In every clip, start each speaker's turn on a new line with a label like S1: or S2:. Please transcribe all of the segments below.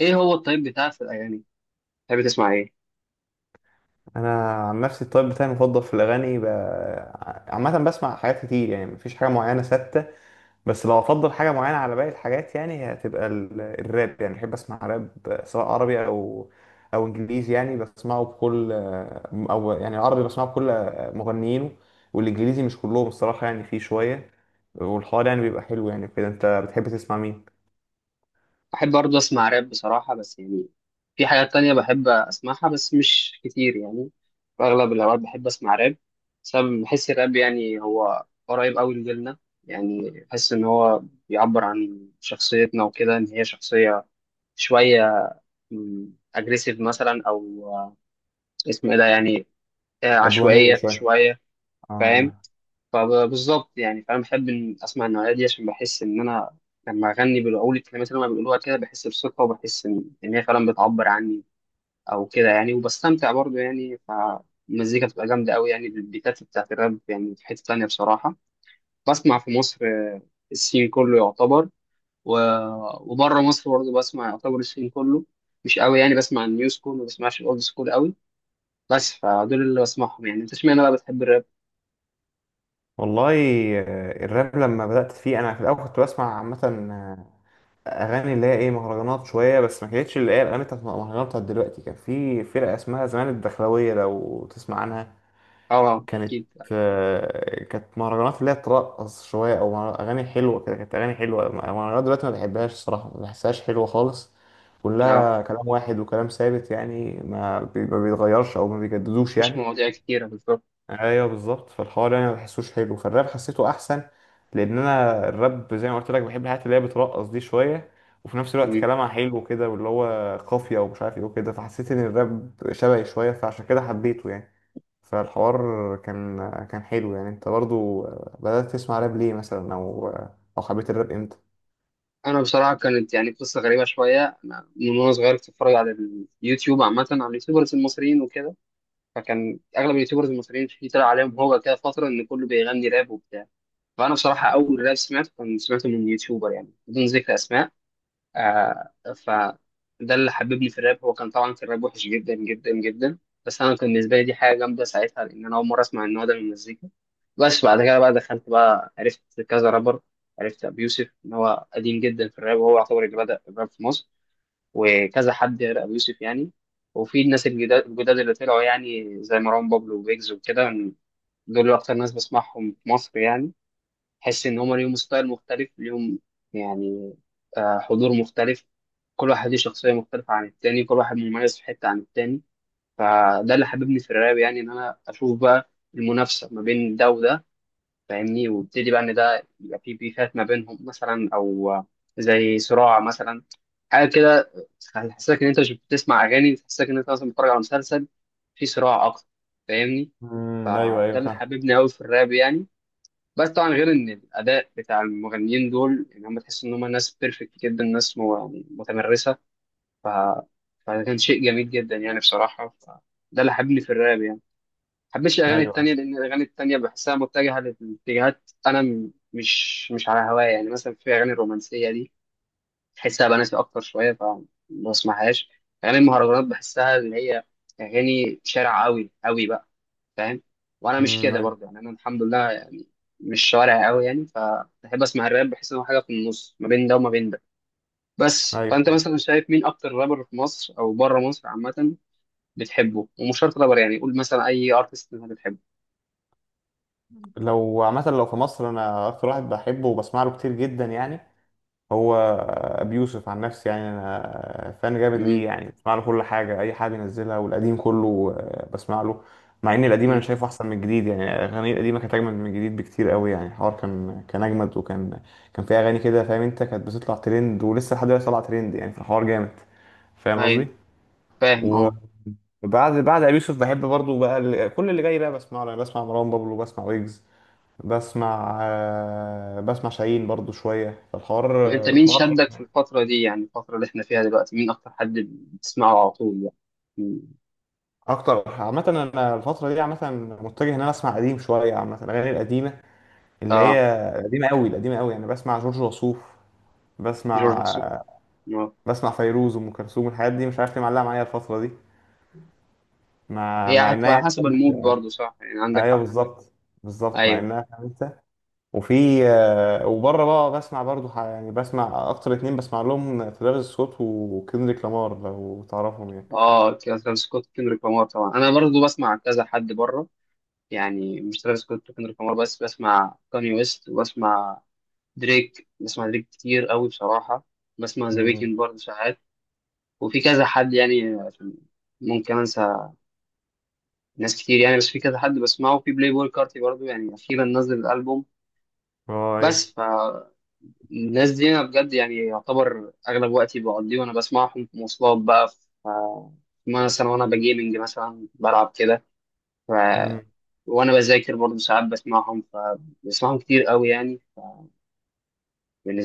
S1: ايه هو الطيب بتاعك في الاغاني؟ بتحب تسمع ايه؟
S2: انا عن نفسي الطيب بتاعي المفضل في الاغاني عامه بسمع حاجات كتير، يعني مفيش حاجه معينه ثابته. بس لو افضل حاجه معينه على باقي الحاجات، يعني هي هتبقى الراب، يعني بحب اسمع راب سواء عربي او انجليزي، يعني بسمعه بكل، او يعني العربي بسمعه بكل مغنيينه، والانجليزي مش كلهم الصراحه، يعني فيه شويه. والحوار يعني بيبقى حلو، يعني كده انت بتحب تسمع مين؟
S1: بحب برضه اسمع راب بصراحه، بس يعني في حاجات تانية بحب اسمعها بس مش كتير يعني. في اغلب الاوقات بحب اسمع راب. بسبب بحس الراب يعني هو قريب قوي لجيلنا. يعني بحس ان هو بيعبر عن شخصيتنا وكده، ان هي شخصيه شويه اجريسيف مثلا او اسمه ايه ده يعني
S2: عدوانيه
S1: عشوائيه
S2: شويه.
S1: شويه. فاهم.
S2: اه.
S1: فبالظبط يعني، فانا بحب إن اسمع النوعيه دي عشان بحس ان انا لما اغني بالاول الكلمات اللي هم بيقولوها كده بحس بثقه وبحس ان هي فعلا بتعبر عني. او كده يعني، وبستمتع برضو يعني. فالمزيكا بتبقى جامده قوي يعني، البيتات بتاعت الراب. يعني في حته تانيه بصراحه بسمع في مصر السين كله يعتبر و... وبره مصر برضو بسمع يعتبر السين كله. مش قوي يعني، بسمع النيو سكول ما بسمعش الاولد سكول قوي. بس فدول اللي بسمعهم يعني. انت اشمعنى بقى بتحب الراب؟
S2: والله، آه، الراب لما بدأت فيه أنا في الأول كنت بسمع عامة اغاني اللي هي ايه، مهرجانات شويه، بس ما كانتش اللي هي الاغاني بتاعت المهرجانات بتاعت دلوقتي. كان في فرقه اسمها زمان الدخلاويه، لو تسمع عنها.
S1: اه،
S2: كانت،
S1: اكيد عارف.
S2: آه، كانت مهرجانات اللي هي ترقص شويه، او اغاني حلوه كده، كانت اغاني حلوه. مهرجانات دلوقتي ما بحبهاش الصراحه، ما بحسهاش حلوه خالص،
S1: اه،
S2: كلها كلام واحد وكلام ثابت، يعني ما بيتغيرش او ما بيجددوش
S1: مفيش
S2: يعني.
S1: مواضيع كتيرة بالظبط.
S2: ايوه بالظبط، فالحوار يعني ما بحسوش حلو، فالراب حسيته احسن، لان انا الراب زي ما قلت لك بحب الحاجات اللي هي بترقص دي شويه، وفي نفس الوقت
S1: مم.
S2: كلامها حلو كده، واللي هو قافيه ومش عارف ايه وكده، فحسيت ان الراب شبهي شويه، فعشان كده حبيته يعني. فالحوار كان كان حلو. يعني انت برضو بدأت تسمع راب ليه، مثلا، او او حبيت الراب امتى؟
S1: أنا بصراحة كانت يعني قصة غريبة شوية. أنا من وأنا صغير كنت بتفرج على اليوتيوب عامة، على اليوتيوبرز المصريين وكده. فكان أغلب اليوتيوبرز المصريين في، طلع عليهم هو كده فترة إن كله بيغني راب وبتاع. فأنا بصراحة أول راب سمعته كان سمعته من يوتيوبر يعني بدون ذكر أسماء آه فده اللي حببني في الراب. هو كان طبعا، كان الراب وحش جدا جدا جدا. بس انا كان بالنسبه لي دي حاجه جامده ساعتها، لان انا اول مره اسمع النوع ده من المزيكا. بس بعد كده بقى، دخلت بقى عرفت كذا رابر. عرفت ابو يوسف ان هو قديم جدا في الراب، وهو يعتبر اللي بدا الراب في مصر. وكذا حد غير ابو يوسف يعني. وفي الناس الجداد الجداد اللي طلعوا يعني، زي مروان بابلو وبيجز وكده. دول اكتر ناس بسمعهم في مصر يعني. تحس ان هما ليهم ستايل مختلف ليهم يعني، حضور مختلف. كل واحد ليه شخصية مختلفة عن التاني، كل واحد مميز في حتة عن التاني. فده اللي حببني في الراب يعني، ان انا اشوف بقى المنافسة ما بين ده وده. فاهمني؟ وابتدي بقى ان ده يبقى في بيفات ما بينهم مثلا او زي صراع مثلا، حاجة كده. تحسسك ان انت مش بتسمع اغاني، تحسسك ان انت مثلا بتتفرج على مسلسل. في صراع اكتر. فاهمني؟
S2: ايوه،
S1: فده
S2: ايوه
S1: اللي
S2: فاهم.
S1: حببني قوي في الراب يعني. بس طبعا غير ان الاداء بتاع المغنيين دول، ان هم تحس ان هم ناس بيرفكت جدا، ناس يعني متمرسه. ف... فده كان شيء جميل جدا يعني بصراحه. ده اللي حببني في الراب يعني. ما حبيتش الاغاني
S2: ايوه.
S1: التانيه، لان الاغاني التانيه بحسها متجهه لاتجاهات انا مش على هوايا يعني. مثلا في اغاني الرومانسيه دي بحسها بناتي اكتر شويه، فما بسمعهاش. اغاني المهرجانات بحسها اللي هي اغاني شارع قوي قوي بقى، فاهم؟ وانا مش كده
S2: ايوه.
S1: برضه يعني، انا الحمد لله يعني، مش شوارع قوي يعني. فبحب اسمع الراب، بحس ان هو حاجه في النص ما بين ده وما بين ده. بس فانت
S2: ايوه،
S1: مثلا شايف مين اكتر رابر في مصر او بره مصر عامه بتحبه؟ ومش شرط رابر يعني، قول مثلا اي ارتست انت بتحبه.
S2: لو عامه، لو في مصر، انا اكتر واحد بحبه وبسمع له كتير جدا يعني، هو ابي يوسف. عن نفسي يعني انا فان جامد ليه،
S1: امم،
S2: يعني بسمع له كل حاجه، اي حاجه بينزلها، والقديم كله آه، بسمع له. مع ان القديم انا
S1: امم
S2: شايفه احسن من الجديد، يعني الاغاني القديمه كانت اجمل من الجديد بكتير قوي، يعني الحوار كان اجمد، وكان كان في اغاني كده فاهم انت، كانت بتطلع ترند ولسه لحد دلوقتي طالعه ترند، يعني في الحوار جامد، فاهم قصدي.
S1: ايوه فاهم اه.
S2: وبعد، بعد ابي يوسف، بحب برضو بقى كل اللي جاي بقى بسمعه، يعني بسمع مروان بابلو، بسمع ويجز، بسمع آه، بسمع شاهين برضو شويه. فالحوار،
S1: طب انت مين
S2: الحوار
S1: شدك في الفتره دي يعني الفتره اللي احنا فيها دلوقتي، مين اكتر حد بتسمعه على طول يعني؟ مم.
S2: اكتر عامه، انا الفتره دي عامه متجه ان انا اسمع قديم شويه، عامه الاغاني القديمه اللي
S1: اه،
S2: هي قديمه قوي، القديمه قوي، يعني بسمع جورج وسوف،
S1: جورج
S2: بسمع،
S1: وسوف. آه.
S2: بسمع فيروز وام كلثوم، الحاجات دي مش عارف ليه معلقه معايا الفتره دي، مع
S1: هي
S2: مع انها
S1: هتبقى
S2: يعني
S1: حسب المود برضه، صح يعني، عندك
S2: ايوه
S1: حق.
S2: بالظبط. بالظبط، مع
S1: ايوه.
S2: انها خمسه، وفي، آه، وبره بقى بسمع برضو يعني بسمع اكتر اتنين، بسمع لهم ترافيس سكوت وكندريك لامار، لو تعرفهم يعني.
S1: اه، ترافيس سكوت وكندريك لامار طبعا. انا برضو بسمع كذا حد بره يعني، مش ترافيس سكوت وكندريك لامار بس. بسمع كاني ويست، وبسمع دريك. بسمع دريك كتير قوي بصراحه. بسمع ذا
S2: مم.
S1: ويكند برضه ساعات. وفي كذا حد يعني، عشان ممكن انسى ناس كتير يعني. بس في كذا حد بسمعه، في بلاي بوي كارتي برضه، يعني اخيرا نزل الالبوم.
S2: اه ايوه.
S1: بس فالناس دي انا بجد يعني، يعتبر اغلب وقتي بقضيه وانا بسمعهم. في مواصلات بقى، في آه، مثلا وانا بجيمنج مثلا بلعب كده.
S2: مم.
S1: وانا بذاكر برضه ساعات بسمعهم، فبسمعهم كتير قوي يعني.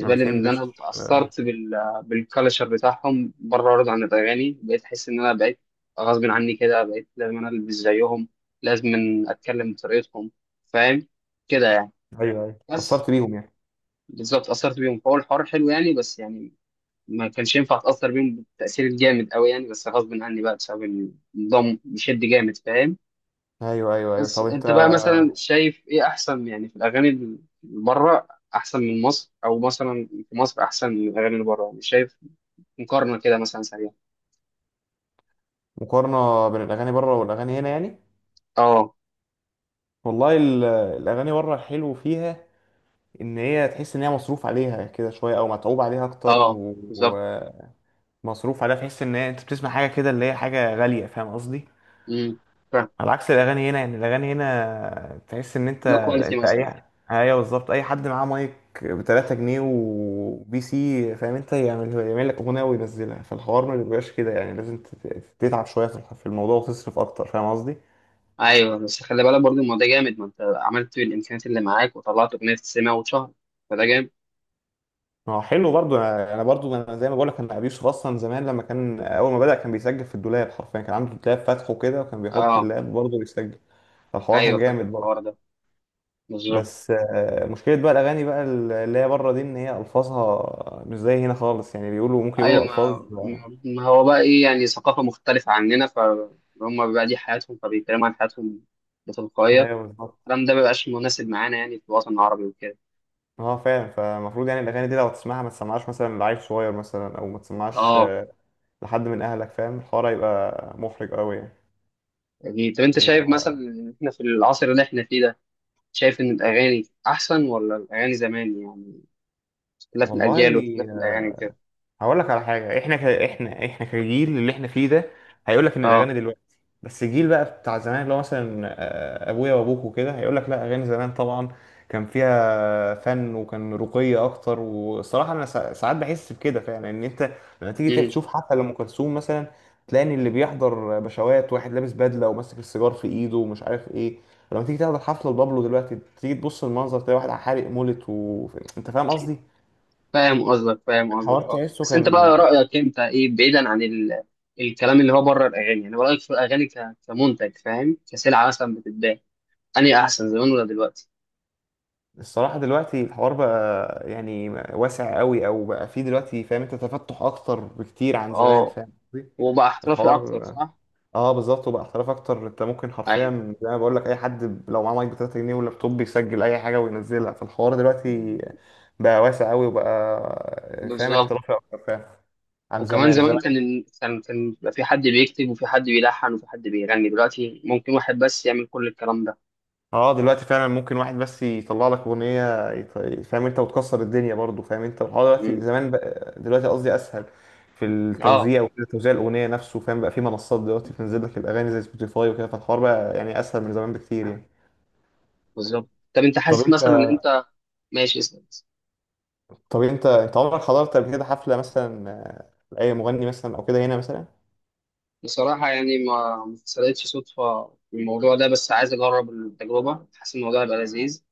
S2: ما
S1: لي ان
S2: بتحبش
S1: انا
S2: آه،
S1: اتاثرت بالكالتشر بتاعهم بره، وارد عن الاغاني بقيت احس ان انا بقيت غصب عني كده، بقيت لازم انا البس زيهم، لازم اتكلم بطريقتهم، فاهم كده يعني.
S2: ايوه ايوه،
S1: بس
S2: اتأثرت بيهم يعني.
S1: بالظبط اتاثرت بيهم، فهو الحوار حلو يعني بس يعني. ما كانش ينفع اتاثر بيهم بالتاثير الجامد قوي يعني، بس غصب عني بقى بسبب النظام بيشد جامد، فاهم؟
S2: ايوه ايوه ايوه.
S1: بس
S2: طب انت،
S1: انت بقى مثلا شايف ايه احسن يعني؟ في الاغاني اللي بره احسن من مصر، او مثلا في مصر احسن من الاغاني اللي بره؟ يعني شايف مقارنه كده مثلا سريعه.
S2: مقارنه بين الاغاني بره والاغاني هنا يعني؟
S1: اه.
S2: والله، الاغاني بره الحلو فيها ان هي تحس ان هي مصروف عليها كده شويه، او متعوب عليها اكتر،
S1: اه
S2: و-
S1: بالظبط.
S2: ومصروف عليها، تحس ان هي انت بتسمع حاجه كده اللي هي حاجه غاليه، فاهم قصدي؟
S1: امم، فاهم.
S2: على عكس الاغاني هنا، يعني الاغاني هنا تحس ان انت
S1: لو كواليتي
S2: انت
S1: مثلا.
S2: اي، ايوه بالظبط، اي حد معاه مايك ب 3 جنيه وبي سي، فاهم انت، يعمل يعمل لك اغنيه وينزلها، فالحوار ما بيبقاش كده، يعني لازم تتعب شويه في في الموضوع، وتصرف اكتر، فاهم قصدي.
S1: ايوه، بس خلي بالك برضو الموضوع ده جامد. ما انت عملت بالامكانيات اللي معاك وطلعت اغنيه تسمع واتشهر، فده جامد.
S2: ما هو حلو برضو، انا أنا برضو انا زي ما بقول لك، انا ابي يوسف اصلا زمان لما كان اول ما بدأ كان بيسجل في الدولاب حرفيا، كان عنده دولاب فاتحه كده وكان بيحط
S1: اه
S2: اللاب برضه بيسجل، الحوار كان
S1: ايوه فاكر
S2: جامد برضه.
S1: الحوار ده، بالظبط.
S2: بس آه، مشكلة بقى الاغاني بقى اللي هي بره دي، ان هي الفاظها مش زي هنا خالص، يعني بيقولوا ممكن
S1: ايوه.
S2: يقولوا الفاظ
S1: ما
S2: آه،
S1: ما هو بقى ايه يعني، ثقافه مختلفه عننا، فهم بقى دي حياتهم، فبيتكلموا عن حياتهم بتلقائيه.
S2: ايوه بالظبط.
S1: الكلام ده مبيبقاش مناسب معانا يعني، في الوطن العربي وكده.
S2: اه فعلا، فالمفروض يعني الاغاني دي لو تسمعها ما تسمعهاش مثلا لعيل صغير مثلا، او ما تسمعهاش
S1: اه.
S2: آه، لحد من اهلك، فاهم، الحوار هيبقى محرج قوي يعني.
S1: يعني طب انت شايف مثلا
S2: بيبقى،
S1: ان احنا في العصر اللي احنا فيه ده، شايف ان الاغاني احسن ولا الاغاني زمان يعني، اختلاف
S2: والله،
S1: الاجيال واختلاف الاغاني وكده؟
S2: هقول لك على حاجه. احنا احنا كجيل اللي احنا فيه ده هيقول لك ان
S1: اه.
S2: الاغاني دلوقتي، بس الجيل بقى بتاع زمان اللي هو مثلا آه، ابويا وابوك وكده هيقول لك لا، اغاني زمان طبعا كان فيها فن وكان رقي اكتر. والصراحه انا ساعات بحس بكده فعلا، ان انت لما تيجي
S1: امم
S2: تشوف حفله لام كلثوم مثلا، تلاقي ان اللي بيحضر بشوات، واحد لابس بدله وماسك السيجار في ايده ومش عارف ايه، لما تيجي تحضر حفله لبابلو دلوقتي تيجي تبص المنظر تلاقي واحد حارق مولت و... انت فاهم قصدي.
S1: فاهم قصدك، فاهم
S2: الحوار
S1: قصدك اه.
S2: تحسه
S1: بس انت
S2: كان،
S1: بقى رايك انت ايه بعيدا عن الكلام اللي هو بره الاغاني، يعني رايك في الاغاني كمنتج، فاهم، كسلعه مثلا بتتباع؟ انهي احسن زمان ولا دلوقتي؟
S2: الصراحة دلوقتي الحوار بقى يعني واسع قوي، او بقى فيه دلوقتي فاهم انت، تفتح اكتر بكتير عن زمان،
S1: اه،
S2: فاهم قصدي؟
S1: وبقى احترافي اكتر،
S2: الحوار،
S1: صح؟
S2: اه بالظبط، وبقى احتراف اكتر، انت ممكن
S1: ايوه
S2: حرفيا زي ما بقول لك اي حد لو معاه مايك ب 3 جنيه ولابتوب بيسجل اي حاجة وينزلها، فالحوار دلوقتي بقى واسع قوي، وبقى فاهم
S1: بالظبط.
S2: احترافي اكتر، فاهم، عن
S1: وكمان
S2: زمان.
S1: زمان
S2: زمان
S1: كان بيبقى في حد بيكتب، وفي حد بيلحن، وفي حد بيغني. دلوقتي ممكن واحد بس يعمل كل الكلام ده.
S2: اه، دلوقتي فعلا ممكن واحد بس يطلع لك اغنيه، فاهم انت، وتكسر الدنيا برضو، فاهم انت. الحوار دلوقتي
S1: امم.
S2: زمان، بقى دلوقتي قصدي، اسهل في
S1: اه
S2: التوزيع وكده، توزيع الاغنيه نفسه، فاهم بقى في منصات دلوقتي بتنزل لك الاغاني زي سبوتيفاي وكده، فالحوار بقى يعني اسهل من زمان بكتير يعني.
S1: بالظبط. طب انت
S2: طب
S1: حاسس
S2: انت
S1: مثلا ان انت، ماشي اسأل.
S2: طب انت عمرك حضرت قبل كده حفله مثلا آه، لاي مغني مثلا او كده هنا مثلا؟
S1: بصراحة يعني ما حصلتش صدفة في الموضوع ده، بس عايز أجرب التجربة، حاسس الموضوع هيبقى لذيذ.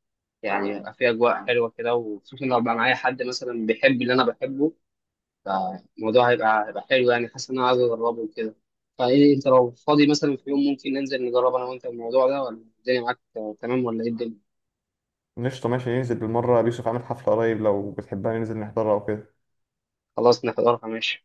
S1: يعني هيبقى فيه أجواء حلوة كده، وخصوصا لو بقى معايا حد مثلا بيحب اللي أنا بحبه. الموضوع هيبقى حلو يعني، حاسس ان انا عايز اجربه وكده. فايه انت لو فاضي مثلا في يوم ممكن ننزل نجرب انا وانت الموضوع ده؟ ولا الدنيا معاك تمام ولا ايه الدنيا؟
S2: قشطه ماشي، ننزل بالمره، يوسف عامل حفله قريب، لو بتحبها ننزل نحضرها او كده.
S1: خلاص نحضرها، ماشي.